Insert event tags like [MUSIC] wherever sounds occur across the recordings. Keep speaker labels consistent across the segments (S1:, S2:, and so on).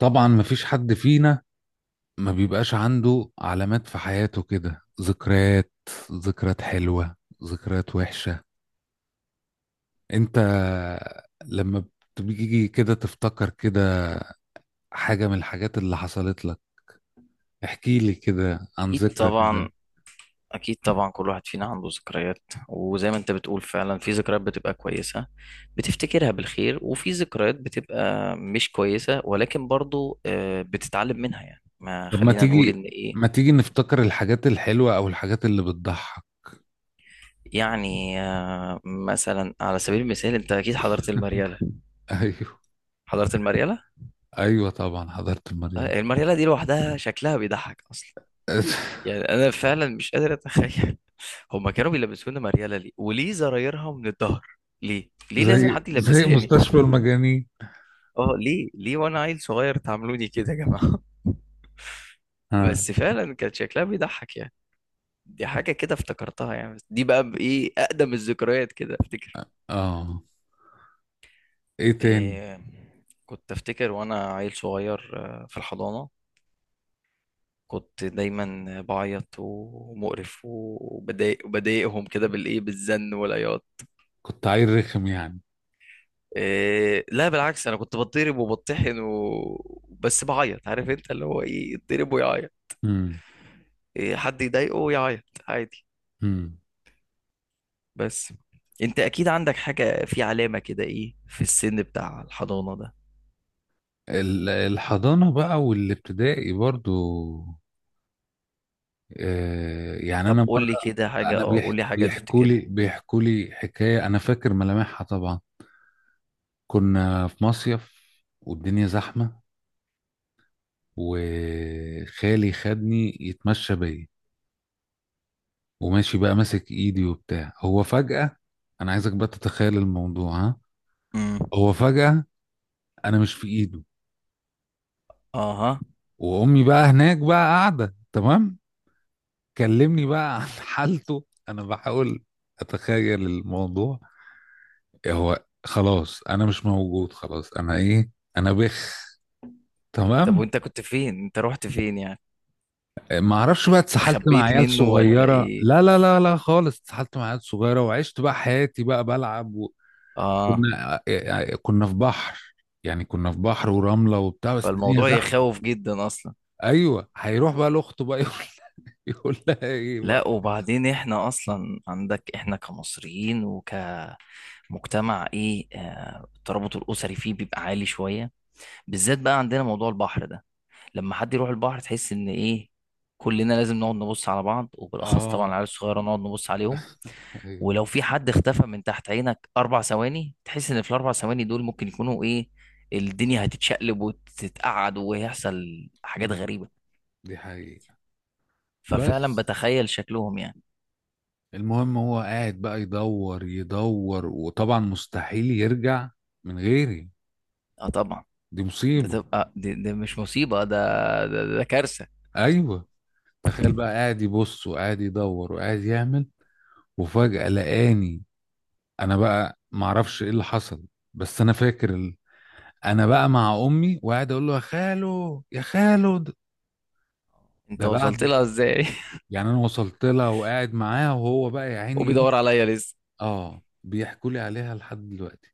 S1: طبعا، مفيش حد فينا ما بيبقاش عنده علامات في حياته كده. ذكريات، ذكريات حلوة، ذكريات وحشة. انت لما بتيجي كده تفتكر كده حاجة من الحاجات اللي حصلت لك، احكي لي كده عن
S2: اكيد
S1: ذكرى
S2: طبعا
S1: كده.
S2: اكيد طبعا، كل واحد فينا عنده ذكريات، وزي ما انت بتقول فعلا في ذكريات بتبقى كويسة بتفتكرها بالخير، وفي ذكريات بتبقى مش كويسة، ولكن برضو بتتعلم منها، يعني ما
S1: طب
S2: خلينا نقول ان ايه.
S1: ما تيجي نفتكر الحاجات الحلوة او الحاجات اللي بتضحك.
S2: مثلا على سبيل المثال انت اكيد حضرت
S1: [LAUGHS]
S2: المريالة.
S1: ايوه.
S2: حضرت المريالة.
S1: ايوه طبعا، حضرت المريض.
S2: المريالة دي لوحدها شكلها بيضحك اصلا.
S1: [LAUGHS]
S2: يعني انا فعلا مش قادر اتخيل [LAUGHS] هما كانوا بيلبسونا مريالة ليه، وليه زرايرها من الظهر؟ ليه ليه لازم
S1: زي
S2: حد
S1: زي
S2: يلبسهاني؟
S1: مستشفى
S2: [LAUGHS]
S1: المجانين.
S2: اه ليه ليه وانا عيل صغير تعاملوني كده يا جماعة؟ [LAUGHS]
S1: ها.
S2: بس فعلا كان شكلها بيضحك يعني. دي حاجة كده افتكرتها يعني، بس دي بقى بإيه أقدم الذكريات كده أفتكر.
S1: اه. ايه تاني؟
S2: إيه، كنت أفتكر وأنا عيل صغير في الحضانة كنت دايما بعيط ومقرف وبضايق وبضايقهم كده بالإيه، بالزن والعياط.
S1: كنت عيل رخم يعني؟
S2: إيه لا بالعكس، انا كنت بتضرب وبطحن و... بس بعيط، عارف انت اللي هو ايه، يتضرب ويعيط.
S1: امم.
S2: إيه حد يضايقه يعيط عادي.
S1: امم.
S2: بس انت اكيد عندك حاجة في علامة كده ايه في السن بتاع الحضانة ده.
S1: الحضانة بقى والابتدائي برضو. آه، يعني
S2: طب
S1: أنا
S2: قول
S1: مرة،
S2: لي كده حاجة،
S1: أنا
S2: اه قول لي حاجة
S1: بيحكوا
S2: تفتكرها.
S1: لي بيحكوا لي حكاية أنا فاكر ملامحها طبعا. كنا في مصيف والدنيا زحمة، وخالي خدني يتمشى بيا، وماشي بقى ماسك إيدي وبتاع. هو فجأة، أنا عايزك بقى تتخيل الموضوع، ها.
S2: امم.
S1: هو فجأة أنا مش في إيده،
S2: اها.
S1: وأمي بقى هناك بقى قاعدة تمام. كلمني بقى عن [LAUGHS] حالته. انا بحاول اتخيل الموضوع. هو خلاص انا مش موجود، خلاص انا ايه، انا بخ،
S2: طب
S1: تمام.
S2: وانت كنت فين؟ انت رحت فين يعني؟
S1: ما اعرفش بقى، اتسحلت مع
S2: خبيت
S1: عيال
S2: منه ولا
S1: صغيره،
S2: ايه؟
S1: لا لا لا لا خالص، اتسحلت مع عيال صغيره وعشت بقى حياتي بقى بلعب و.
S2: اه.
S1: كنا آه، آه، كنا في بحر، يعني كنا في بحر ورمله وبتاع، بس الدنيا
S2: فالموضوع
S1: زحمه.
S2: يخوف جدا اصلا.
S1: ايوه، هيروح بقى لاخته بقى يقول. [LAUGHS] يقول لها ايه بقى.
S2: لا وبعدين احنا اصلا عندك احنا كمصريين وك، مجتمع ايه، الترابط الاسري فيه بيبقى عالي شويه، بالذات بقى عندنا موضوع البحر ده. لما حد يروح البحر تحس ان ايه، كلنا لازم نقعد نبص على بعض، وبالاخص
S1: اه.
S2: طبعا العيال الصغيره نقعد نبص عليهم.
S1: ايوه.
S2: ولو في حد اختفى من تحت عينك 4 ثواني تحس ان في الـ4 ثواني دول ممكن يكونوا ايه، الدنيا هتتشقلب وتتقعد وهيحصل حاجات
S1: أمم،
S2: غريبه.
S1: دي حقيقة.
S2: ففعلا
S1: بس
S2: بتخيل شكلهم يعني.
S1: المهم هو قاعد بقى يدور يدور، وطبعا مستحيل يرجع من غيري.
S2: اه طبعا.
S1: دي
S2: ده
S1: مصيبة.
S2: تبقى ده، ده مش مصيبه، ده كارثه.
S1: ايوه، تخيل بقى قاعد يبص وقاعد يدور وقاعد يعمل، وفجأة لقاني. انا بقى معرفش ايه اللي حصل، بس انا فاكر انا بقى مع امي وقاعد اقول له يا خالو يا خالو ده.
S2: انت
S1: ده
S2: وصلت
S1: بعد،
S2: لها ازاي؟
S1: يعني انا وصلت لها وقاعد معاها وهو بقى يا
S2: [LAUGHS]
S1: عيني ايه.
S2: وبيدور عليا لسه.
S1: اه، بيحكوا لي عليها لحد دلوقتي.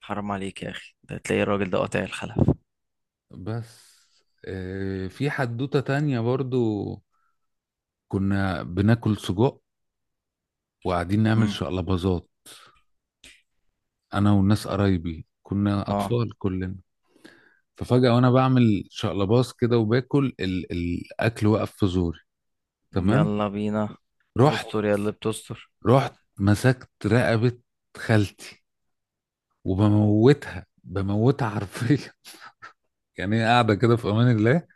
S2: حرام عليك يا اخي، ده تلاقي الراجل ده قاطع الخلف.
S1: بس آه، في حدوتة تانية برضو. كنا بناكل سجق وقاعدين نعمل
S2: مم.
S1: شقلباظات. انا والناس قرايبي كنا
S2: اه.
S1: اطفال كلنا. ففجأة وانا بعمل شقلباظ كده وباكل الاكل وقف في زوري، تمام.
S2: يلا بينا.
S1: رحت
S2: استر يا اللي بتستر.
S1: رحت مسكت رقبة خالتي وبموتها بموتها حرفيا. [LAUGHS] يعني هي قاعدة كده في امان الله،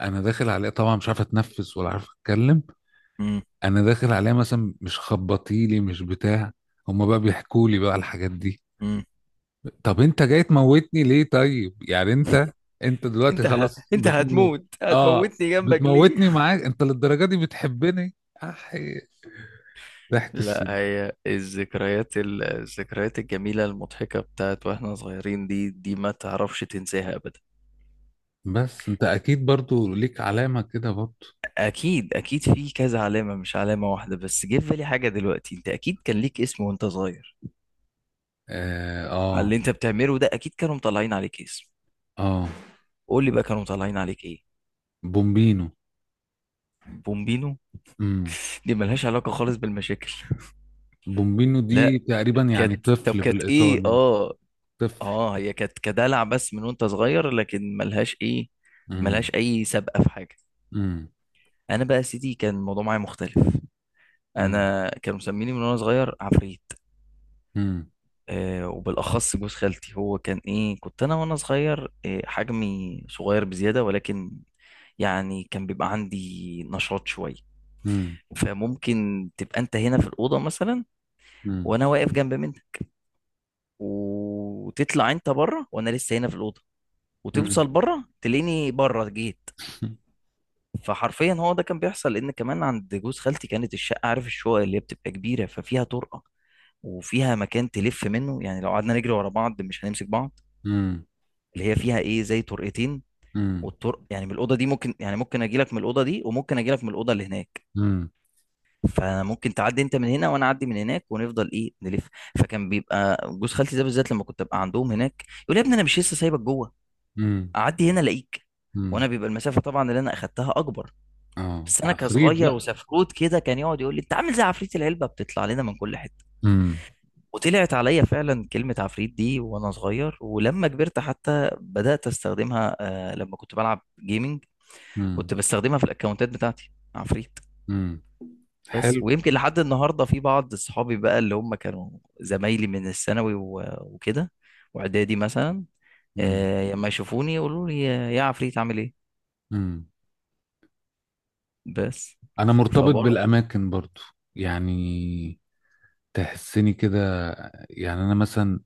S1: انا داخل عليها طبعا مش عارف اتنفس ولا عارف اتكلم.
S2: مم.
S1: انا داخل عليها مثلا مش خبطيلي مش بتاع. هما بقى بيحكوا لي بقى الحاجات دي.
S2: مم.
S1: طب انت جاي تموتني ليه؟ طيب يعني انت، انت دلوقتي خلاص
S2: انت
S1: بتموت؟
S2: هتموت،
S1: اه.
S2: هتموتني جنبك ليه؟
S1: بتموتني
S2: [LAUGHS]
S1: معاك؟ انت للدرجه دي بتحبني؟ احي، ضحك
S2: لا،
S1: السن.
S2: هي الذكريات الذكريات الجميلة المضحكة بتاعت واحنا صغيرين دي، دي ما تعرفش تنساها ابدا.
S1: بس انت اكيد برضو ليك علامه كده برضو.
S2: اكيد اكيد في كذا علامة مش علامة واحدة، بس جه في بالي حاجة دلوقتي، انت اكيد كان ليك اسم وانت صغير
S1: اه،
S2: على
S1: اه.
S2: اللي انت بتعمله ده، اكيد كانوا مطلعين عليك اسم.
S1: آه.
S2: قول لي بقى كانوا مطلعين عليك ايه؟
S1: بومبينو.
S2: بومبينو.
S1: امم.
S2: دي ملهاش علاقة خالص بالمشاكل.
S1: بومبينو
S2: لا
S1: دي تقريبا يعني
S2: كانت، طب
S1: طفل
S2: كانت ايه؟
S1: بالايطالي.
S2: اه
S1: طفل.
S2: اه، هي كانت كدلع بس من وانت صغير، لكن ملهاش ايه، ملهاش
S1: امم.
S2: اي سابقة في حاجة.
S1: امم.
S2: انا بقى يا سيدي كان الموضوع معايا مختلف.
S1: امم.
S2: انا كانوا مسميني من وانا صغير عفريت. وبالاخص جوز خالتي، هو كان ايه، كنت انا وانا صغير حجمي صغير بزيادة، ولكن يعني كان بيبقى عندي نشاط شوية.
S1: امم.
S2: فممكن تبقى انت هنا في الأوضة مثلا
S1: امم.
S2: وانا واقف جنب منها، وتطلع انت بره وانا لسه هنا في الاوضه،
S1: امم.
S2: وتوصل بره تلاقيني بره جيت. فحرفيا هو ده كان بيحصل، لان كمان عند جوز خالتي كانت الشقه، عارف الشقق اللي هي بتبقى كبيره، ففيها طرقه، وفيها مكان تلف منه، يعني لو قعدنا نجري ورا بعض مش هنمسك بعض.
S1: امم.
S2: اللي هي فيها ايه، زي طرقتين،
S1: امم.
S2: والطرق يعني من الاوضه دي ممكن، يعني ممكن اجي لك من الاوضه دي، وممكن اجي لك من الاوضه اللي هناك.
S1: امم.
S2: فممكن تعدي انت من هنا وانا اعدي من هناك، ونفضل ايه نلف. فكان بيبقى جوز خالتي ده بالذات لما كنت ابقى عندهم هناك يقول لي يا ابني، انا مش لسه سايبك جوه؟ اعدي هنا الاقيك.
S1: امم.
S2: وانا
S1: [LAUGHS]
S2: بيبقى المسافه طبعا اللي انا اخدتها اكبر.
S1: اه،
S2: بس انا
S1: عفريت
S2: كصغير
S1: بقى.
S2: وسفروت كده كان يقعد يقول لي انت عامل زي عفريت العلبه، بتطلع لنا من كل حته.
S1: امم.
S2: وطلعت عليا فعلا كلمه عفريت دي وانا صغير، ولما كبرت حتى بدات استخدمها، لما كنت بلعب جيمنج
S1: امم.
S2: كنت بستخدمها في الاكونتات بتاعتي، عفريت.
S1: امم.
S2: بس،
S1: حلو.
S2: ويمكن لحد النهارده في بعض صحابي بقى اللي هم كانوا زمايلي من الثانوي وكده، واعدادي مثلا،
S1: امم.
S2: لما يشوفوني يقولوا لي يا عفريت عامل ايه.
S1: امم.
S2: بس.
S1: انا مرتبط
S2: فبرضه.
S1: بالاماكن برضو، يعني تحسني كده. يعني انا مثلا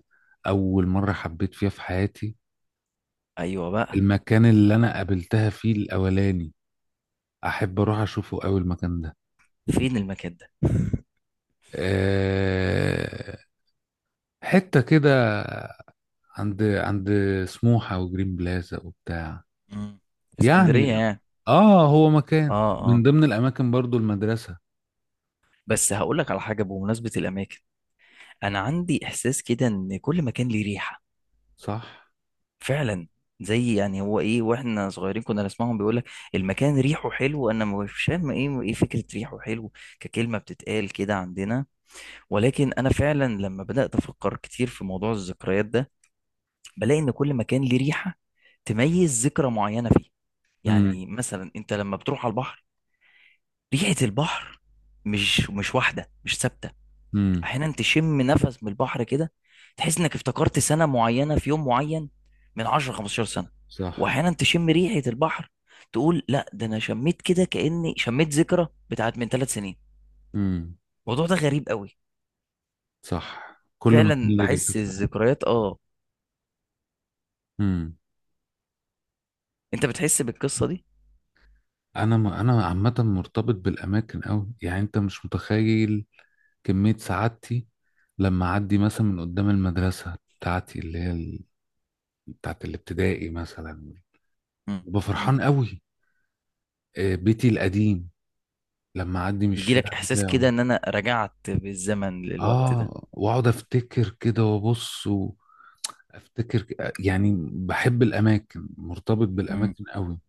S1: اول مره حبيت فيها في حياتي،
S2: ايوه بقى.
S1: المكان اللي انا قابلتها فيه الاولاني، احب اروح اشوفه قوي المكان ده.
S2: فين المكان ده؟
S1: أه، حته كده، عند سموحه وجرين بلازا وبتاع.
S2: مم. في
S1: يعني
S2: اسكندريه يعني.
S1: اه، هو
S2: اه
S1: مكان من
S2: اه.
S1: ضمن الاماكن برضو المدرسه.
S2: بس هقول لك على حاجه بمناسبه الاماكن، انا عندي احساس كده ان كل مكان ليه ريحه.
S1: صح.
S2: فعلا. زي يعني هو ايه، واحنا صغيرين كنا نسمعهم بيقول لك المكان ريحه حلو، انا مش فاهم ايه، ايه فكره ريحه حلو ككلمه بتتقال كده عندنا، ولكن انا فعلا لما بدات افكر كتير في موضوع الذكريات ده بلاقي ان كل مكان ليه ريحه تميز ذكرى معينه فيه.
S1: امم.
S2: يعني مثلا انت لما بتروح على البحر، ريحة البحر مش واحدة، مش ثابتة.
S1: امم.
S2: احيانا تشم نفس من البحر كده تحس انك افتكرت سنة معينة في يوم معين من 10 15 سنة،
S1: صح.
S2: واحيانا تشم ريحة البحر تقول لا ده انا شميت كده كأني شميت ذكرى بتاعت من 3 سنين.
S1: امم.
S2: الموضوع ده غريب قوي.
S1: صح، كل ما كان
S2: فعلا
S1: ليه ريحه
S2: بحس
S1: فعلا.
S2: الذكريات اه.
S1: امم.
S2: انت بتحس بالقصة دي؟
S1: انا انا عامه مرتبط بالاماكن قوي، يعني انت مش متخيل كميه سعادتي لما اعدي مثلا من قدام المدرسه بتاعتي اللي هي بتاعت الابتدائي مثلا.
S2: مم.
S1: ببقى
S2: مم.
S1: فرحان قوي. آه، بيتي القديم لما اعدي من الشارع
S2: يجيلك احساس كده
S1: بتاعه.
S2: ان انا رجعت بالزمن للوقت ده.
S1: اه، واقعد افتكر كده وابص و. افتكر يعني بحب الاماكن، مرتبط
S2: مم.
S1: بالاماكن قوي.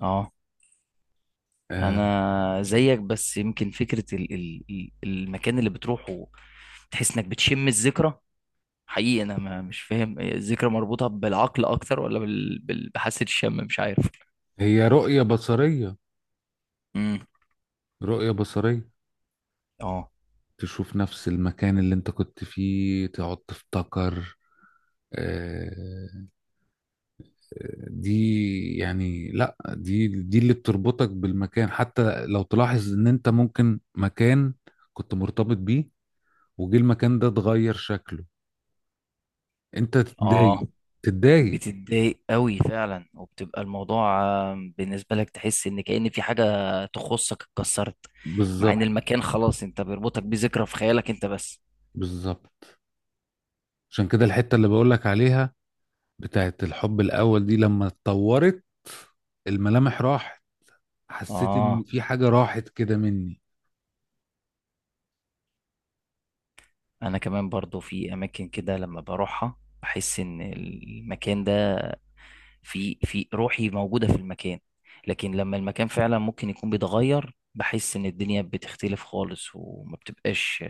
S2: اه.
S1: آه.
S2: انا زيك، بس يمكن فكره المكان اللي بتروحه تحس انك بتشم الذكرى. حقيقي انا ما مش فاهم هي الذكرى مربوطه بالعقل اكتر ولا بحاسه الشم، مش عارف.
S1: هي رؤية بصرية.
S2: امم.
S1: رؤية بصرية.
S2: اه
S1: تشوف نفس المكان اللي انت كنت فيه تقعد تفتكر. آه، دي يعني لا دي اللي بتربطك بالمكان، حتى لو تلاحظ ان انت ممكن مكان كنت مرتبط بيه وجه المكان ده اتغير شكله، انت
S2: اه.
S1: تتضايق. تتضايق.
S2: بتتضايق قوي فعلا، وبتبقى الموضوع بالنسبه لك تحس ان كأن في حاجه تخصك اتكسرت، مع ان
S1: بالظبط.
S2: المكان خلاص انت بيربطك بذكرى في خيالك انت بس.
S1: بالظبط، عشان كده الحتة اللي بقولك عليها بتاعت الحب الأول دي لما اتطورت الملامح راحت، حسيت ان
S2: اه،
S1: في حاجة راحت كده مني.
S2: انا كمان برضو في اماكن كده لما بروحها بحس ان المكان ده في في روحي موجودة في المكان. لكن لما المكان فعلا ممكن يكون بيتغير بحس ان الدنيا بتختلف خالص، وما بتبقاش،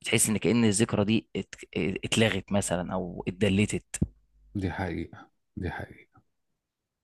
S2: بتحس ان كأن الذكرى دي اتلغت مثلا او اتدلتت.
S1: دي حقيقة. دي حقيقة.